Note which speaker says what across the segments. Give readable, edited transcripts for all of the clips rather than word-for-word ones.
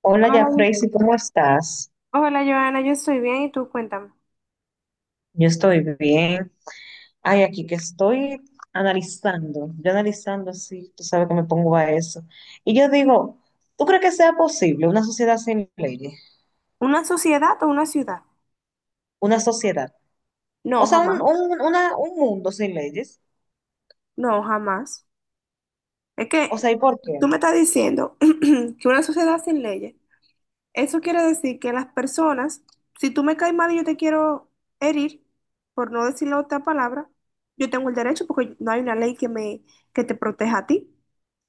Speaker 1: Hola, ya
Speaker 2: Hola,
Speaker 1: Freysi, ¿cómo estás?
Speaker 2: Joana, yo estoy bien y tú cuéntame.
Speaker 1: Yo estoy bien. Ay, aquí que estoy analizando, yo analizando así, tú sabes que me pongo a eso. Y yo digo, ¿tú crees que sea posible una sociedad sin leyes?
Speaker 2: ¿Una sociedad o una ciudad?
Speaker 1: Una sociedad. O
Speaker 2: No,
Speaker 1: sea, un,
Speaker 2: jamás.
Speaker 1: un- una- un mundo sin leyes.
Speaker 2: No, jamás. Es que
Speaker 1: O sea, ¿y por
Speaker 2: tú
Speaker 1: qué?
Speaker 2: me estás diciendo que una sociedad sin leyes, eso quiere decir que las personas, si tú me caes mal y yo te quiero herir, por no decir la otra palabra, yo tengo el derecho porque no hay una ley que me, que te proteja a ti,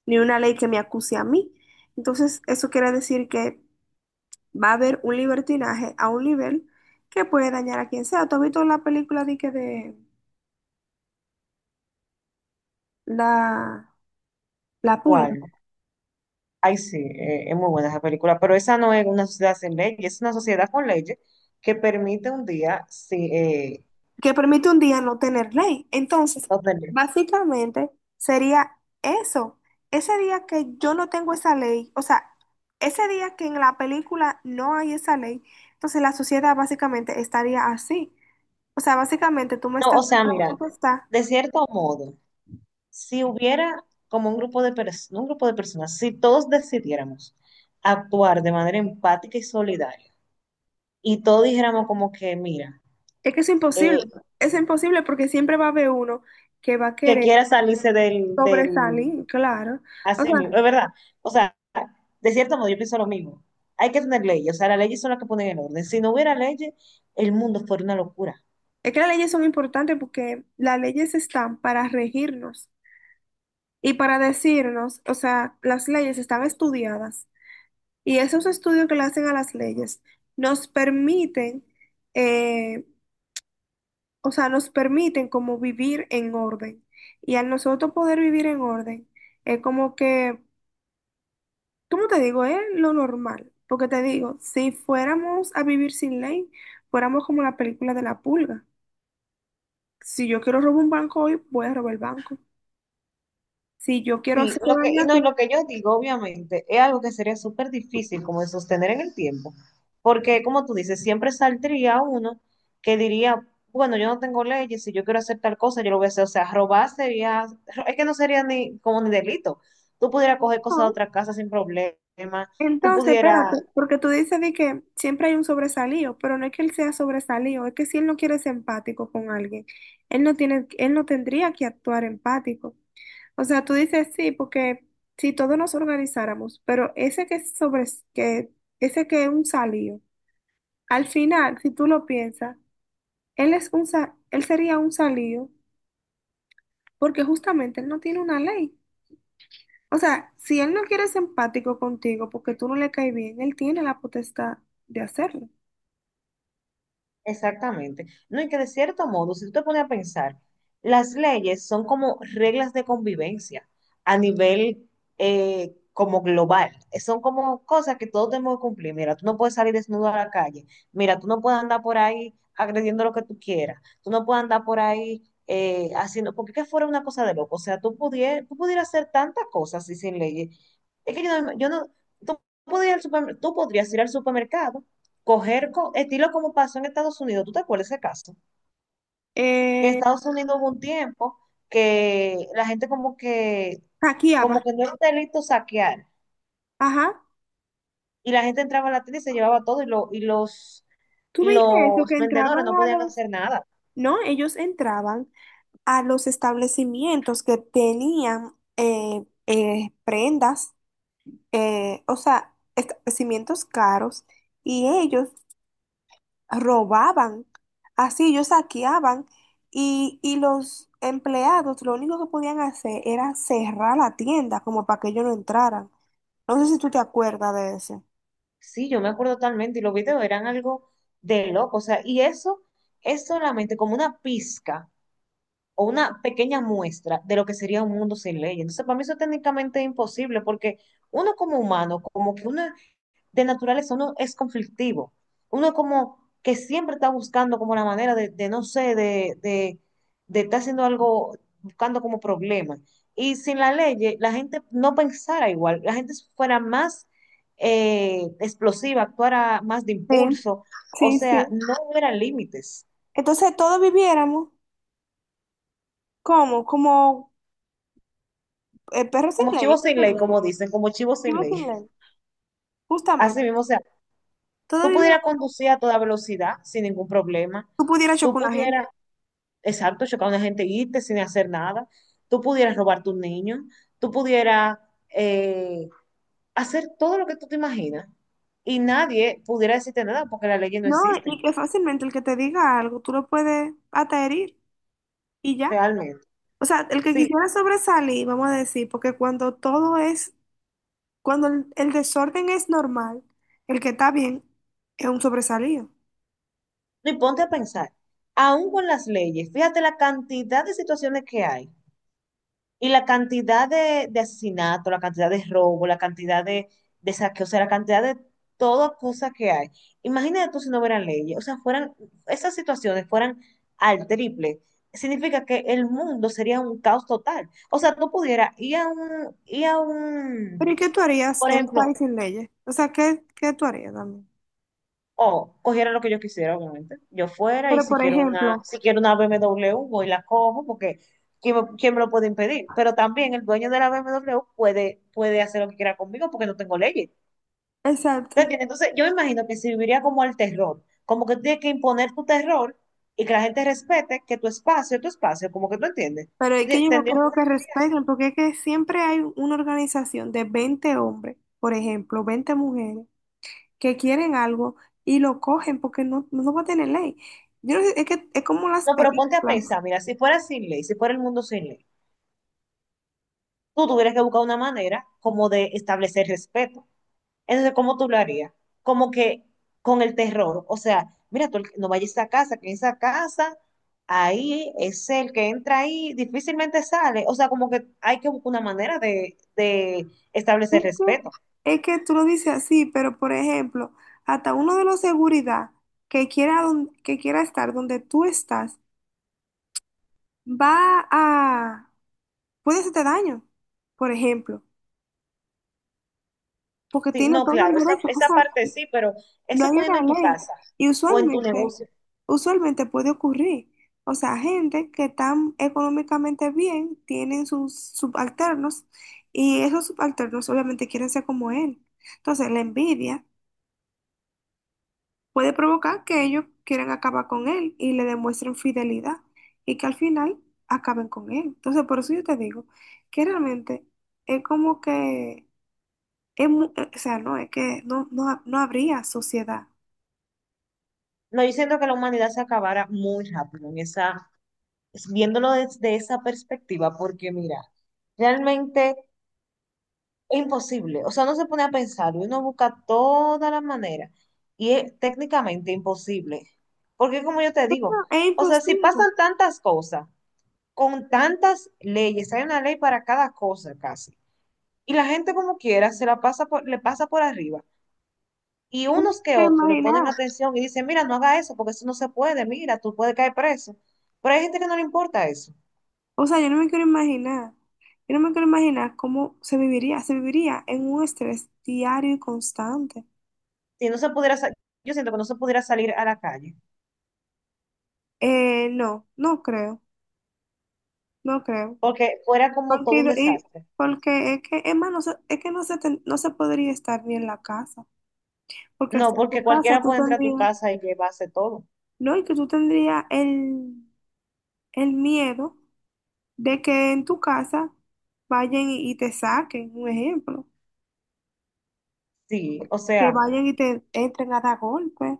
Speaker 2: ni una ley que me acuse a mí. Entonces, eso quiere decir que va a haber un libertinaje a un nivel que puede dañar a quien sea. ¿Tú has visto la película de, que la, la pulga?
Speaker 1: ¿Cuál? Ay, sí, es muy buena esa película, pero esa no es una sociedad sin leyes, es una sociedad con leyes que permite un día, sí,
Speaker 2: Que permite un día no tener ley. Entonces,
Speaker 1: no tener-
Speaker 2: básicamente sería eso. Ese día que yo no tengo esa ley, o sea, ese día que en la película no hay esa ley, entonces la sociedad básicamente estaría así. O sea, básicamente tú me
Speaker 1: No,
Speaker 2: estás
Speaker 1: o
Speaker 2: dando
Speaker 1: sea,
Speaker 2: la
Speaker 1: mira,
Speaker 2: potestad.
Speaker 1: de cierto modo. Si hubiera como un grupo de personas, un grupo de personas, si todos decidiéramos actuar de manera empática y solidaria, y todos dijéramos como que, mira,
Speaker 2: Es que es imposible.
Speaker 1: eh,
Speaker 2: Es imposible porque siempre va a haber uno que va a
Speaker 1: que
Speaker 2: querer.
Speaker 1: quiera salirse del,
Speaker 2: Sobresalir, claro. O
Speaker 1: así
Speaker 2: sea,
Speaker 1: mismo, es verdad. O sea, de cierto modo yo pienso lo mismo. Hay que tener leyes, o sea, las leyes son las que ponen el orden. Si no hubiera leyes, el mundo fuera una locura.
Speaker 2: es que las leyes son importantes porque las leyes están para regirnos y para decirnos, o sea, las leyes están estudiadas y esos estudios que le hacen a las leyes nos permiten, eh, o sea, nos permiten como vivir en orden. Y al nosotros poder vivir en orden, es como que, ¿cómo te digo? Es lo normal. Porque te digo, si fuéramos a vivir sin ley, fuéramos como la película de la pulga. Si yo quiero robar un banco hoy, voy a robar el banco. Si yo quiero
Speaker 1: Sí,
Speaker 2: hacerte
Speaker 1: lo que,
Speaker 2: daño
Speaker 1: y
Speaker 2: a
Speaker 1: no, y
Speaker 2: ti,
Speaker 1: lo que yo digo, obviamente, es algo que sería súper difícil como de sostener en el tiempo, porque como tú dices, siempre saldría uno que diría, bueno, yo no tengo leyes, si yo quiero hacer tal cosa, yo lo voy a hacer, o sea, robar sería, es que no sería ni como ni delito, tú pudieras coger cosas de
Speaker 2: no.
Speaker 1: otra casa sin problema, tú
Speaker 2: Entonces, espérate,
Speaker 1: pudieras
Speaker 2: porque tú dices de que siempre hay un sobresalido, pero no es que él sea sobresalido, es que si él no quiere ser empático con alguien, él no tendría que actuar empático. O sea, tú dices sí, porque si todos nos organizáramos, pero que, ese que es un salido, al final, si tú lo piensas, él sería un salido porque justamente él no tiene una ley. O sea, si él no quiere ser empático contigo porque tú no le caes bien, él tiene la potestad de hacerlo.
Speaker 1: Exactamente. No, y que de cierto modo, si tú te pones a pensar, las leyes son como reglas de convivencia a nivel como global. Son como cosas que todos tenemos que cumplir. Mira, tú no puedes salir desnudo a la calle. Mira, tú no puedes andar por ahí agrediendo lo que tú quieras. Tú no puedes andar por ahí haciendo, porque que fuera una cosa de loco. O sea, tú pudieras hacer tantas cosas y sin leyes. Es que yo no, yo no- tú podrías, ir al tú podrías ir al supermercado coger estilo como pasó en Estados Unidos. ¿Tú te acuerdas de ese caso? En
Speaker 2: Eh,
Speaker 1: Estados Unidos hubo un tiempo que la gente como que,
Speaker 2: Saqueaba.
Speaker 1: como que no era un delito saquear.
Speaker 2: Ajá.
Speaker 1: Y la gente entraba a la tienda y se llevaba todo y, lo, y los,
Speaker 2: ¿Tú
Speaker 1: y
Speaker 2: viste eso?
Speaker 1: los
Speaker 2: Que entraban
Speaker 1: vendedores no
Speaker 2: a
Speaker 1: podían
Speaker 2: los...
Speaker 1: hacer nada.
Speaker 2: No, ellos entraban a los establecimientos que tenían prendas, o sea, establecimientos caros, y ellos robaban, así ellos saqueaban y los empleados lo único que podían hacer era cerrar la tienda como para que ellos no entraran. No sé si tú te acuerdas de eso.
Speaker 1: Sí, yo me acuerdo totalmente y los videos eran algo de loco. O sea, y eso es solamente como una pizca o una pequeña muestra de lo que sería un mundo sin ley. Entonces, para mí eso técnicamente es imposible porque uno como humano, como que uno de naturaleza, uno es conflictivo. Uno como que siempre está buscando como la manera de, no sé, de estar haciendo algo, buscando como problemas. Y sin la ley, la gente no pensara igual, la gente fuera más explosiva, actuara más de
Speaker 2: Sí,
Speaker 1: impulso, o
Speaker 2: sí,
Speaker 1: sea,
Speaker 2: sí.
Speaker 1: no hubiera límites.
Speaker 2: Entonces todos viviéramos como, perros sin
Speaker 1: Como
Speaker 2: ley,
Speaker 1: chivo
Speaker 2: ¿qué
Speaker 1: sin
Speaker 2: se
Speaker 1: ley,
Speaker 2: dice?
Speaker 1: como dicen, como chivo sin
Speaker 2: Chivos
Speaker 1: ley.
Speaker 2: sin ley,
Speaker 1: Así
Speaker 2: justamente.
Speaker 1: mismo, o sea,
Speaker 2: Todos
Speaker 1: tú
Speaker 2: viviéramos,
Speaker 1: pudieras
Speaker 2: como
Speaker 1: conducir a toda velocidad sin ningún problema,
Speaker 2: si tú pudieras
Speaker 1: tú
Speaker 2: chocar una gente.
Speaker 1: pudieras, exacto, chocar a una gente y irte sin hacer nada. Tú pudieras robar a tu niño, tú pudieras eh, hacer todo lo que tú te imaginas y nadie pudiera decirte nada porque las leyes no
Speaker 2: No, y
Speaker 1: existen,
Speaker 2: que fácilmente el que te diga algo, tú lo puedes hasta herir y ya.
Speaker 1: realmente.
Speaker 2: O sea, el que
Speaker 1: Sí,
Speaker 2: quisiera sobresalir, vamos a decir, porque cuando todo es, cuando el desorden es normal, el que está bien es un sobresalido.
Speaker 1: y ponte a pensar, aún con las leyes, fíjate la cantidad de situaciones que hay. Y la cantidad de asesinato, la cantidad de robo, la cantidad de saqueo, o sea, la cantidad de toda cosa que hay. Imagínate tú si no hubieran leyes, o sea, fueran, esas situaciones fueran al triple. Significa que el mundo sería un caos total. O sea, tú pudieras ir a un,
Speaker 2: Pero ¿y qué tú harías
Speaker 1: por
Speaker 2: en un
Speaker 1: ejemplo,
Speaker 2: país sin leyes? O sea, qué tú harías también?
Speaker 1: O cogiera lo que yo quisiera, obviamente. Yo fuera y
Speaker 2: Pero
Speaker 1: si
Speaker 2: por
Speaker 1: quiero una,
Speaker 2: ejemplo,
Speaker 1: si quiero una BMW, voy y la cojo porque ¿quién me lo puede impedir? Pero también el dueño de la BMW puede hacer lo que quiera conmigo porque no tengo leyes. ¿Te
Speaker 2: exacto,
Speaker 1: entiendes? Entonces, yo me imagino que serviría como el terror, como que tú tienes que imponer tu terror y que la gente respete que tu espacio es tu espacio, como que tú entiendes.
Speaker 2: pero es que
Speaker 1: Te-
Speaker 2: yo
Speaker 1: que
Speaker 2: no
Speaker 1: ir
Speaker 2: creo que
Speaker 1: así.
Speaker 2: respeten, porque es que siempre hay una organización de 20 hombres, por ejemplo, 20 mujeres, que quieren algo y lo cogen porque no va a tener ley. Yo no sé, es que es como las
Speaker 1: No, pero ponte a
Speaker 2: películas.
Speaker 1: pensar, mira, si fuera sin ley, si fuera el mundo sin ley, tú tuvieras que buscar una manera como de establecer respeto. Entonces, ¿cómo tú lo harías? Como que con el terror. O sea, mira, tú no vayas a esa casa, que en esa casa, ahí es el que entra ahí, difícilmente sale. O sea, como que hay que buscar una manera de establecer respeto.
Speaker 2: Es que tú lo dices así, pero por ejemplo, hasta uno de los seguridad que quiera, que quiera estar donde tú estás, va a, puede hacerte daño, por ejemplo, porque
Speaker 1: Sí,
Speaker 2: tiene
Speaker 1: no,
Speaker 2: todo el
Speaker 1: claro, esa,
Speaker 2: derecho, o
Speaker 1: esa
Speaker 2: sea,
Speaker 1: parte sí, pero
Speaker 2: no hay
Speaker 1: eso poniendo
Speaker 2: una
Speaker 1: en tu
Speaker 2: ley.
Speaker 1: casa
Speaker 2: Y
Speaker 1: o en tu
Speaker 2: usualmente,
Speaker 1: negocio.
Speaker 2: usualmente puede ocurrir. O sea, gente que están económicamente bien, tienen sus subalternos, y esos subalternos obviamente quieren ser como él. Entonces, la envidia puede provocar que ellos quieran acabar con él y le demuestren fidelidad y que al final acaben con él. Entonces, por eso yo te digo que realmente es como que, o sea, no, es que no habría sociedad.
Speaker 1: No, yo siento que la humanidad se acabara muy rápido en esa, viéndolo desde esa perspectiva, porque mira, realmente es imposible. O sea, uno se pone a pensar y uno busca todas las maneras. Y es técnicamente imposible. Porque como yo te
Speaker 2: No,
Speaker 1: digo,
Speaker 2: es
Speaker 1: o sea,
Speaker 2: imposible,
Speaker 1: si
Speaker 2: yo
Speaker 1: pasan tantas cosas, con tantas leyes, hay una ley para cada cosa casi. Y la gente como quiera se la pasa le pasa por arriba. Y
Speaker 2: no me
Speaker 1: unos que
Speaker 2: quiero
Speaker 1: otros le ponen
Speaker 2: imaginar.
Speaker 1: atención y dicen, mira, no haga eso porque eso no se puede, mira, tú puedes caer preso. Pero hay gente que no le importa eso.
Speaker 2: O sea, yo no me quiero imaginar. Yo no me quiero imaginar cómo se viviría. Se viviría en un estrés diario y constante.
Speaker 1: Si no se pudiera, yo siento que no se pudiera salir a la calle
Speaker 2: No, no creo, no creo.
Speaker 1: porque fuera como todo
Speaker 2: Porque,
Speaker 1: un
Speaker 2: y-
Speaker 1: desastre.
Speaker 2: porque es que, es más, no se, es que no se, ten- no se podría estar bien en la casa. Porque
Speaker 1: No,
Speaker 2: hasta en
Speaker 1: porque
Speaker 2: tu casa
Speaker 1: cualquiera
Speaker 2: tú
Speaker 1: puede entrar a tu
Speaker 2: tendrías,
Speaker 1: casa y llevarse todo.
Speaker 2: no, y que tú tendrías el miedo de que en tu casa vayan y te saquen, un ejemplo.
Speaker 1: Sí, o
Speaker 2: Que
Speaker 1: sea,
Speaker 2: vayan y te entren a dar golpes.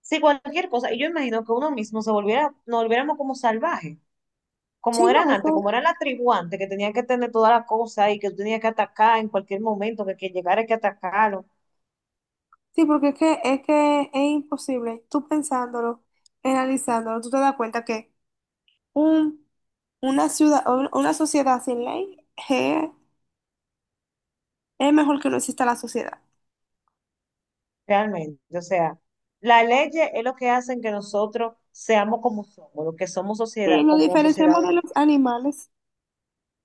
Speaker 1: sí, cualquier cosa. Y yo imagino que uno mismo se volviera, nos volviéramos como salvajes,
Speaker 2: Sí,
Speaker 1: como eran
Speaker 2: no,
Speaker 1: antes, como
Speaker 2: eso,
Speaker 1: era la tribu antes, que tenían que tener toda la cosa y que tenía que atacar en cualquier momento, que quien llegara hay que atacarlo,
Speaker 2: sí, porque es que, es que es imposible. Tú pensándolo, analizándolo, tú te das cuenta que un, una ciudad, una sociedad sin ley je, es mejor que no exista la sociedad.
Speaker 1: realmente. O sea, las leyes es lo que hacen que nosotros seamos como somos, lo que somos
Speaker 2: Sí,
Speaker 1: sociedad,
Speaker 2: nos
Speaker 1: como sociedad
Speaker 2: diferenciamos de los
Speaker 1: hoy día.
Speaker 2: animales.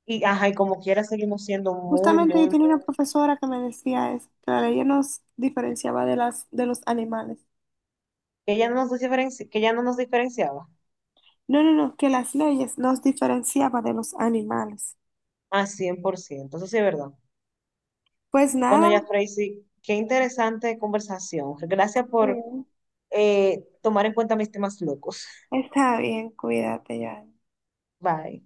Speaker 1: Y, ajá, y como quiera seguimos siendo muy,
Speaker 2: Justamente yo
Speaker 1: muy,
Speaker 2: tenía una
Speaker 1: muy,
Speaker 2: profesora que me decía eso, que la ley nos diferenciaba de de los animales.
Speaker 1: que ya no nos diferenci- que ya no nos diferenciaba
Speaker 2: No, no, no, que las leyes nos diferenciaba de los animales.
Speaker 1: a cien por ciento. Eso sí es verdad.
Speaker 2: Pues
Speaker 1: Bueno,
Speaker 2: nada,
Speaker 1: ya, Tracy, qué interesante conversación. Gracias por
Speaker 2: sí,
Speaker 1: tomar en cuenta mis temas locos.
Speaker 2: está bien, cuídate ya.
Speaker 1: Bye.